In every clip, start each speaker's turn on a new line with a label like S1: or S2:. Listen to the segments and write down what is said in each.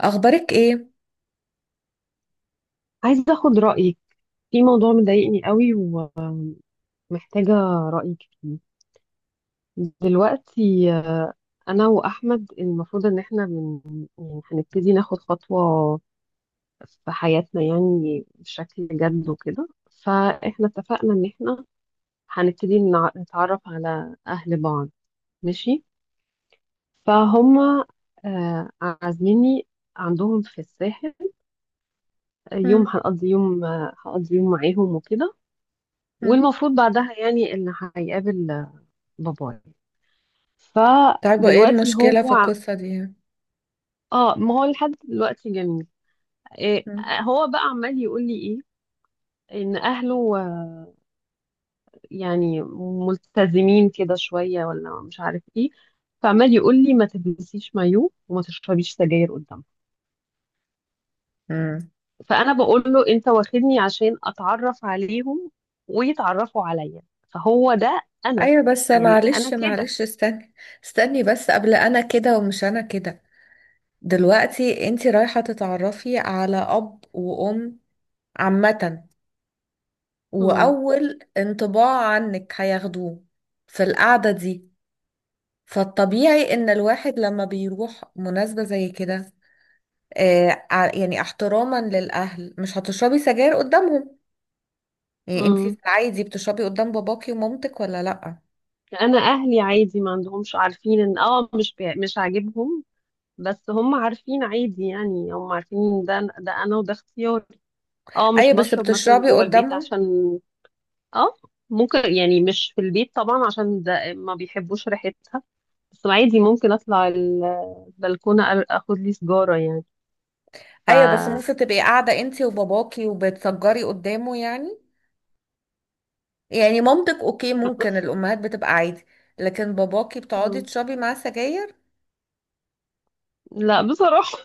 S1: اخبارك ايه؟
S2: عايزة أخد رأيك في موضوع مضايقني قوي ومحتاجة رأيك فيه دلوقتي. أنا وأحمد المفروض إن إحنا يعني هنبتدي ناخد خطوة في حياتنا يعني بشكل جد وكده. فإحنا اتفقنا إن إحنا هنبتدي نتعرف على أهل بعض، ماشي. فهم عازميني عندهم في الساحل يوم.
S1: مم.
S2: هنقضي يوم آه، هقضي يوم معاهم وكده.
S1: مم.
S2: والمفروض بعدها يعني اللي هيقابل بابايا.
S1: طيب وايه
S2: فدلوقتي
S1: المشكله
S2: هو
S1: في القصه دي؟
S2: اه، ما هو لحد دلوقتي جميل. إيه،
S1: مم.
S2: هو بقى عمال يقول لي ايه؟ ان اهله يعني ملتزمين كده شويه، ولا مش عارف ايه. فعمال يقول لي ما تلبسيش مايو وما تشربيش سجاير قدامهم.
S1: امم.
S2: فانا بقول له انت واخدني عشان اتعرف عليهم ويتعرفوا عليا. فهو ده. انا
S1: ايوه، بس
S2: يعني انا
S1: معلش
S2: كده.
S1: معلش استني. استني بس قبل، انا كده ومش انا كده دلوقتي انتي رايحه تتعرفي على اب وام عامه،
S2: امم،
S1: واول انطباع عنك هياخدوه في القعده دي، فالطبيعي ان الواحد لما بيروح مناسبه زي كده يعني احتراما للاهل مش هتشربي سجاير قدامهم. يعني انتي في
S2: امم،
S1: العادي بتشربي قدام باباكي ومامتك ولا لأ؟
S2: انا اهلي عادي، ما عندهمش، عارفين ان اه مش عاجبهم. بس هم عارفين، عادي يعني، هم عارفين إن ده انا وده اختياري. اه، مش
S1: ايوه بس
S2: بشرب مثلا
S1: بتشربي
S2: جوه البيت
S1: قدامهم؟
S2: عشان، اه ممكن يعني مش في البيت طبعا عشان ده ما بيحبوش ريحتها. بس عادي، ممكن اطلع البلكونه، اخد لي سجاره يعني. ف
S1: ايوه بس ممكن تبقي قاعدة انتي وباباكي وبتسجري قدامه يعني، يعني مامتك اوكي ممكن الامهات بتبقى عادي، لكن باباكي بتقعدي
S2: مم.
S1: تشربي معاه سجاير؟
S2: لا بصراحه.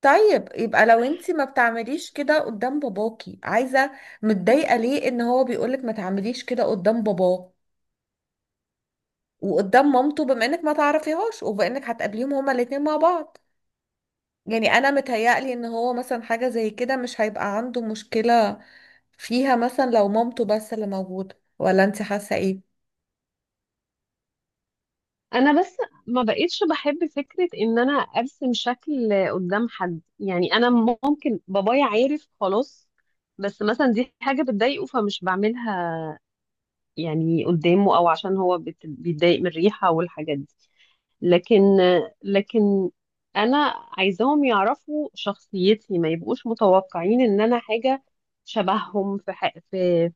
S1: طيب يبقى لو انتي ما بتعمليش كده قدام باباكي، عايزة
S2: مم.
S1: متضايقة ليه ان هو بيقولك ما تعمليش كده قدام باباه وقدام مامته، بما انك ما تعرفيهاش وبما انك هتقابليهم هما الاتنين مع بعض؟ يعني انا متهيألي ان هو مثلا حاجة زي كده مش هيبقى عنده مشكلة فيها، مثلا لو مامته بس اللي موجودة. ولا انت حاسة ايه؟
S2: انا بس ما بقيتش بحب فكره ان انا ارسم شكل قدام حد. يعني انا ممكن بابايا عارف خلاص، بس مثلا دي حاجه بتضايقه فمش بعملها يعني قدامه، او عشان هو بيتضايق من الريحة والحاجات دي. لكن لكن انا عايزاهم يعرفوا شخصيتي، ما يبقوش متوقعين ان انا حاجة شبههم في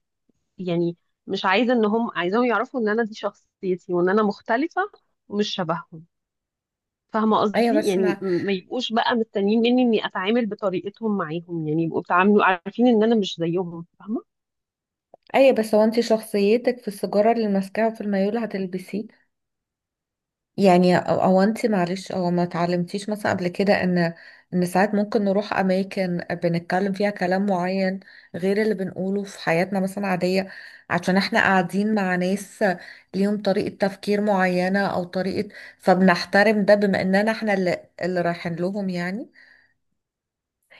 S2: يعني مش عايزة ان هم، عايزاهم يعرفوا ان انا دي شخصيتي وان انا مختلفة ومش شبههم. فاهمة
S1: ايوه
S2: قصدي؟
S1: بس
S2: يعني
S1: مع
S2: ما يبقوش بقى مستنيين مني اني اتعامل بطريقتهم معاهم، يعني يبقوا بيتعاملوا عارفين ان انا مش زيهم، فاهمة.
S1: ايوه بس هو، انت شخصيتك في السيجارة اللي ماسكاها؟ في الميول هتلبسيه يعني؟ او انت معلش او ما اتعلمتيش مثلا قبل كده ان ساعات ممكن نروح اماكن بنتكلم فيها كلام معين غير اللي بنقوله في حياتنا مثلا عادية، عشان احنا قاعدين مع ناس ليهم طريقة تفكير معينة او طريقة، فبنحترم ده بما اننا احنا اللي رايحين لهم يعني.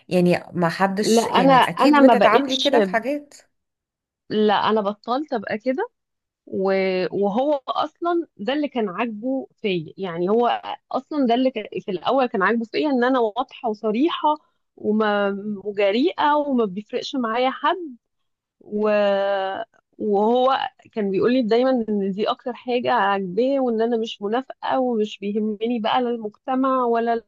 S1: يعني ما
S2: لا،
S1: حدش،
S2: انا
S1: يعني اكيد
S2: انا ما
S1: بتتعاملي
S2: بقتش،
S1: كده في حاجات.
S2: لا انا بطلت ابقى كده. وهو اصلا ده اللي كان عاجبه فيا. يعني هو اصلا ده في الاول كان عاجبه فيا ان انا واضحه وصريحه وما وجريئه وما بيفرقش معايا حد. و... وهو كان بيقول لي دايما ان دي اكتر حاجه عاجباه، وان انا مش منافقه ومش بيهمني بقى لا المجتمع ولا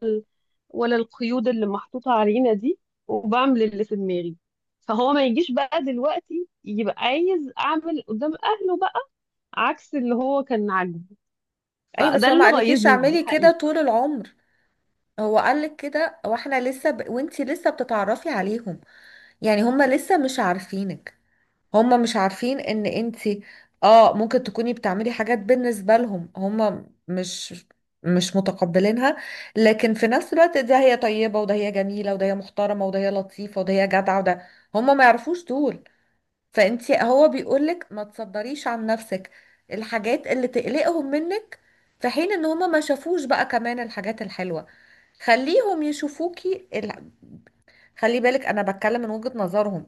S2: ولا القيود اللي محطوطة علينا دي، وبعمل اللي في دماغي. فهو ما يجيش بقى دلوقتي يبقى عايز أعمل قدام أهله بقى عكس اللي هو كان عاجبه.
S1: اي بس
S2: فده
S1: هو ما
S2: اللي
S1: قالكيش
S2: غيظني
S1: اعملي كده
S2: الحقيقة.
S1: طول العمر، هو قالك كده واحنا وانتي لسه بتتعرفي عليهم، يعني هما لسه مش عارفينك، هما مش عارفين ان انتي، اه ممكن تكوني بتعملي حاجات بالنسبة لهم هما مش متقبلينها، لكن في نفس الوقت ده هي طيبة وده هي جميلة وده هي محترمة وده هي لطيفة وده هي جدعة وده، هما ما يعرفوش دول. فانتي هو بيقولك ما تصدريش عن نفسك الحاجات اللي تقلقهم منك في حين ان هما ما شافوش بقى كمان الحاجات الحلوة. خليهم يشوفوكي. خلي بالك انا بتكلم من وجهة نظرهم،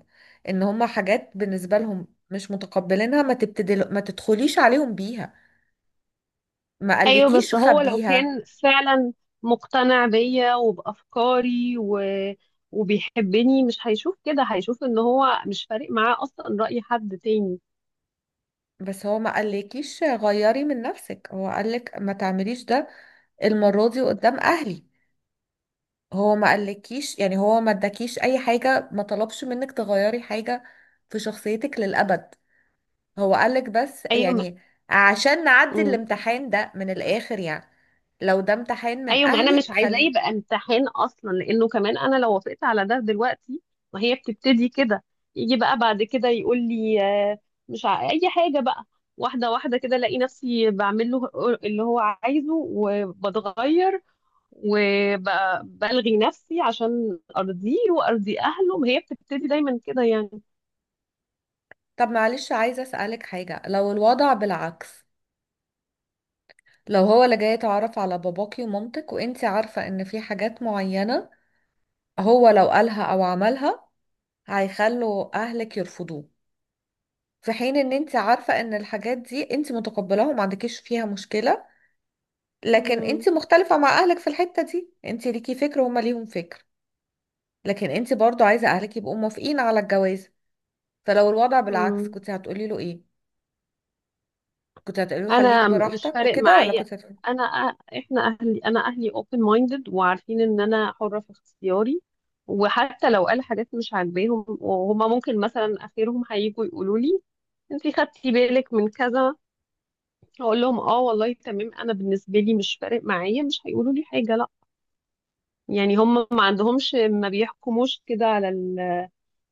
S1: ان هما حاجات بالنسبة لهم مش متقبلينها ما تبتدل ما تدخليش عليهم بيها. ما
S2: أيوة،
S1: قالكيش
S2: بس هو لو
S1: خبيها.
S2: كان فعلا مقتنع بيا وبأفكاري وبيحبني، مش هيشوف كده، هيشوف إن هو مش فارق معاه أصلا رأي حد تاني.
S1: بس هو ما قالكيش غيري من نفسك، هو قالك ما تعمليش ده المرة دي قدام اهلي. هو ما قالكيش يعني، هو ما اداكيش اي حاجة، ما طلبش منك تغيري حاجة في شخصيتك للأبد، هو قالك بس
S2: أيوة.
S1: يعني عشان نعدي
S2: ما...
S1: الامتحان ده من الآخر يعني. لو ده امتحان من
S2: ايوه، ما انا
S1: اهلي
S2: مش عايزاه
S1: خلي.
S2: يبقى امتحان اصلا، لانه كمان انا لو وافقت على ده دلوقتي، ما هي بتبتدي كده. يجي بقى بعد كده يقول لي آه، مش ع... اي حاجه بقى، واحده واحده كده الاقي نفسي بعمل له اللي هو عايزه، وبتغير وبلغي نفسي عشان ارضيه وارضي اهله. ما هي بتبتدي دايما كده يعني.
S1: طب معلش، عايزة أسألك حاجة. لو الوضع بالعكس، لو هو اللي جاي يتعرف على باباكي ومامتك وانتي عارفة ان في حاجات معينة هو لو قالها او عملها هيخلوا اهلك يرفضوه، في حين ان انتي عارفة ان الحاجات دي انتي متقبلاها وما عندكيش فيها مشكلة، لكن انتي مختلفة مع اهلك في الحتة دي، انتي ليكي فكر وهما ليهم فكر، لكن انتي برضو عايزة اهلك يبقوا موافقين على الجواز، فلو الوضع بالعكس
S2: امم،
S1: كنت هتقولي له ايه؟ كنت هتقولي له خليك
S2: انا مش
S1: براحتك
S2: فارق
S1: وكده، ولا
S2: معايا،
S1: كنت هتقولي؟
S2: انا، احنا اهلي، انا اهلي open minded وعارفين ان انا حرة في اختياري. وحتى لو قال حاجات مش عاجباهم، وهما ممكن مثلا اخرهم هيجوا يقولوا لي انتي خدتي بالك من كذا، اقول لهم اه والله تمام، انا بالنسبة لي مش فارق معايا، مش هيقولوا لي حاجة، لا. يعني هما ما عندهمش، ما بيحكموش كده على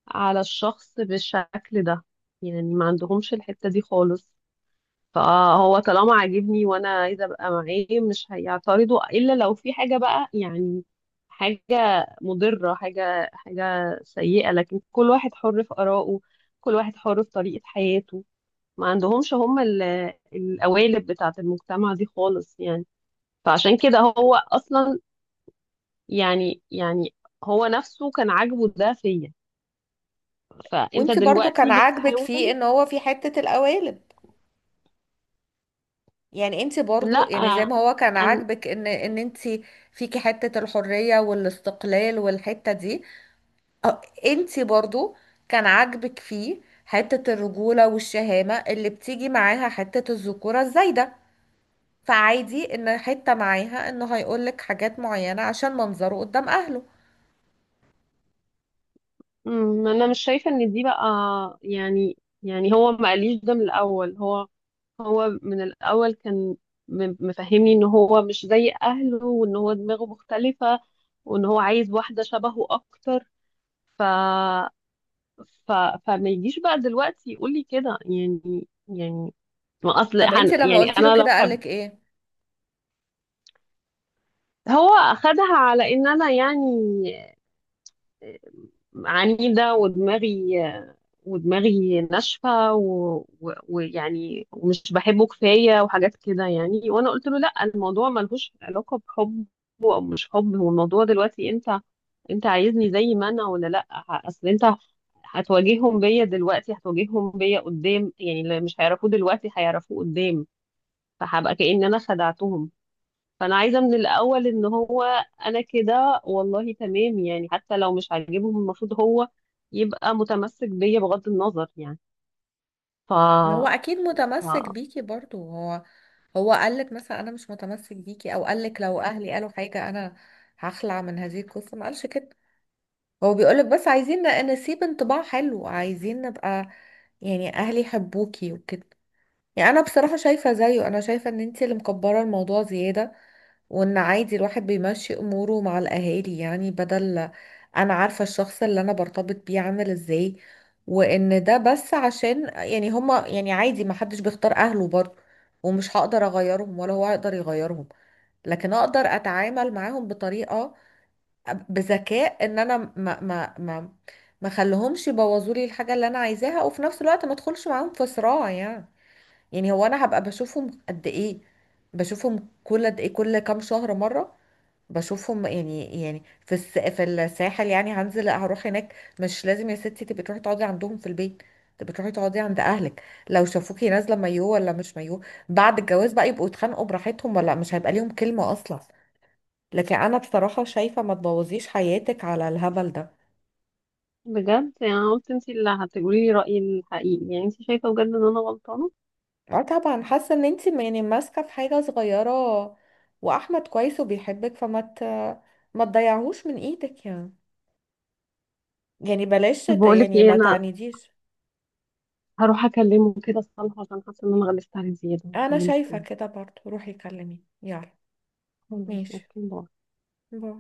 S2: على الشخص بالشكل ده. يعني ما عندهمش الحتة دي خالص. فهو طالما عاجبني وانا عايزه ابقى معاه، مش هيعترضوا الا لو في حاجه بقى يعني، حاجه مضره، حاجه سيئه. لكن كل واحد حر في ارائه، كل واحد حر في طريقه حياته. ما عندهمش هم القوالب بتاعه المجتمع دي خالص يعني. فعشان كده هو اصلا يعني، يعني هو نفسه كان عاجبه ده فيا. فانت
S1: وانت برضو كان
S2: دلوقتي
S1: عاجبك فيه
S2: بتحاول.
S1: ان هو في حتة القوالب، يعني انت برضو
S2: لا.
S1: يعني زي ما هو كان عاجبك ان انت فيكي حتة الحرية والاستقلال والحتة دي، اه، انت برضو كان عاجبك فيه حتة الرجولة والشهامة اللي بتيجي معاها حتة الذكورة الزايدة، فعادي ان حتة معاها انه هيقولك حاجات معينة عشان منظره قدام اهله.
S2: أمم، انا مش شايفه ان دي بقى، يعني يعني هو ما قاليش ده من الاول. هو، هو من الاول كان مفهمني ان هو مش زي اهله وان هو دماغه مختلفه، وان هو عايز واحده شبهه اكتر. ف ف فما يجيش بقى دلوقتي يقول لي كده يعني. يعني ما اصل
S1: طب انت
S2: هن...
S1: لما
S2: يعني
S1: قلت له
S2: انا لو
S1: كده
S2: خب...
S1: قالك ايه؟
S2: هو اخدها على ان انا يعني عنيدة ودماغي، ودماغي ناشفة ويعني ومش بحبه كفاية، وحاجات كده يعني. وأنا قلت له لأ، الموضوع ملهوش علاقة بحب، أو مش حب هو الموضوع دلوقتي. أنت، أنت عايزني زي ما أنا ولا لأ؟ أصل أنت هتواجههم بيا دلوقتي، هتواجههم بيا قدام، يعني اللي مش هيعرفوه دلوقتي هيعرفوه قدام، فهبقى كأن أنا خدعتهم. فانا عايزه من الاول ان هو، انا كده والله تمام، يعني حتى لو مش عاجبهم المفروض هو يبقى متمسك بيا بغض النظر يعني. ف,
S1: ما هو اكيد
S2: ف...
S1: متمسك بيكي برضو هو. هو قالك مثلا انا مش متمسك بيكي، او قالك لو اهلي قالوا حاجة انا هخلع من هذه القصة؟ ما قالش كده. هو بيقولك بس عايزين نسيب انطباع حلو، عايزين نبقى يعني اهلي يحبوكي وكده. يعني انا بصراحة شايفة زيه، انا شايفة ان انتي اللي مكبرة الموضوع زيادة، وان عادي الواحد بيمشي اموره مع الاهالي يعني. بدل، انا عارفة الشخص اللي انا برتبط بيه عامل ازاي، وان ده بس عشان يعني هما، يعني عادي ما حدش بيختار اهله برضه، ومش هقدر اغيرهم ولا هو هيقدر يغيرهم، لكن اقدر اتعامل معاهم بطريقة، بذكاء، ان انا ما خليهمش يبوظوا لي الحاجة اللي انا عايزاها، وفي نفس الوقت ما ادخلش معاهم في صراع يعني. يعني هو انا هبقى بشوفهم قد ايه؟ بشوفهم كل قد ايه، كل كام شهر مره؟ بشوفهم يعني يعني في في الساحل يعني، هنزل هروح هناك. مش لازم يا ستي تبقي تروحي تقعدي عندهم في البيت، تبقي تروحي تقعدي عند اهلك. لو شافوكي نازله مايو ولا مش مايو بعد الجواز بقى يبقوا يتخانقوا براحتهم، ولا مش هيبقى ليهم كلمه اصلا. لكن انا بصراحه شايفه ما تبوظيش حياتك على الهبل ده.
S2: بجد يعني، قلت انت اللي هتقولي لي رايي الحقيقي، يعني انت شايفه بجد ان انا غلطانه؟
S1: اه طبعا، حاسه ان انت يعني ماسكه في حاجه صغيره، واحمد كويس وبيحبك ما تضيعهوش من ايدك يعني. يعني
S2: طب بقول لك
S1: يعني
S2: ايه،
S1: ما
S2: انا
S1: تعنيديش.
S2: هروح اكلمه كده الصراحه، عشان حاسه ان انا غلست عليه زياده،
S1: انا
S2: هكلمه
S1: شايفه
S2: تاني.
S1: كده برضو، روحي كلمي يلا.
S2: خلاص،
S1: ماشي،
S2: اوكي، باي.
S1: باي.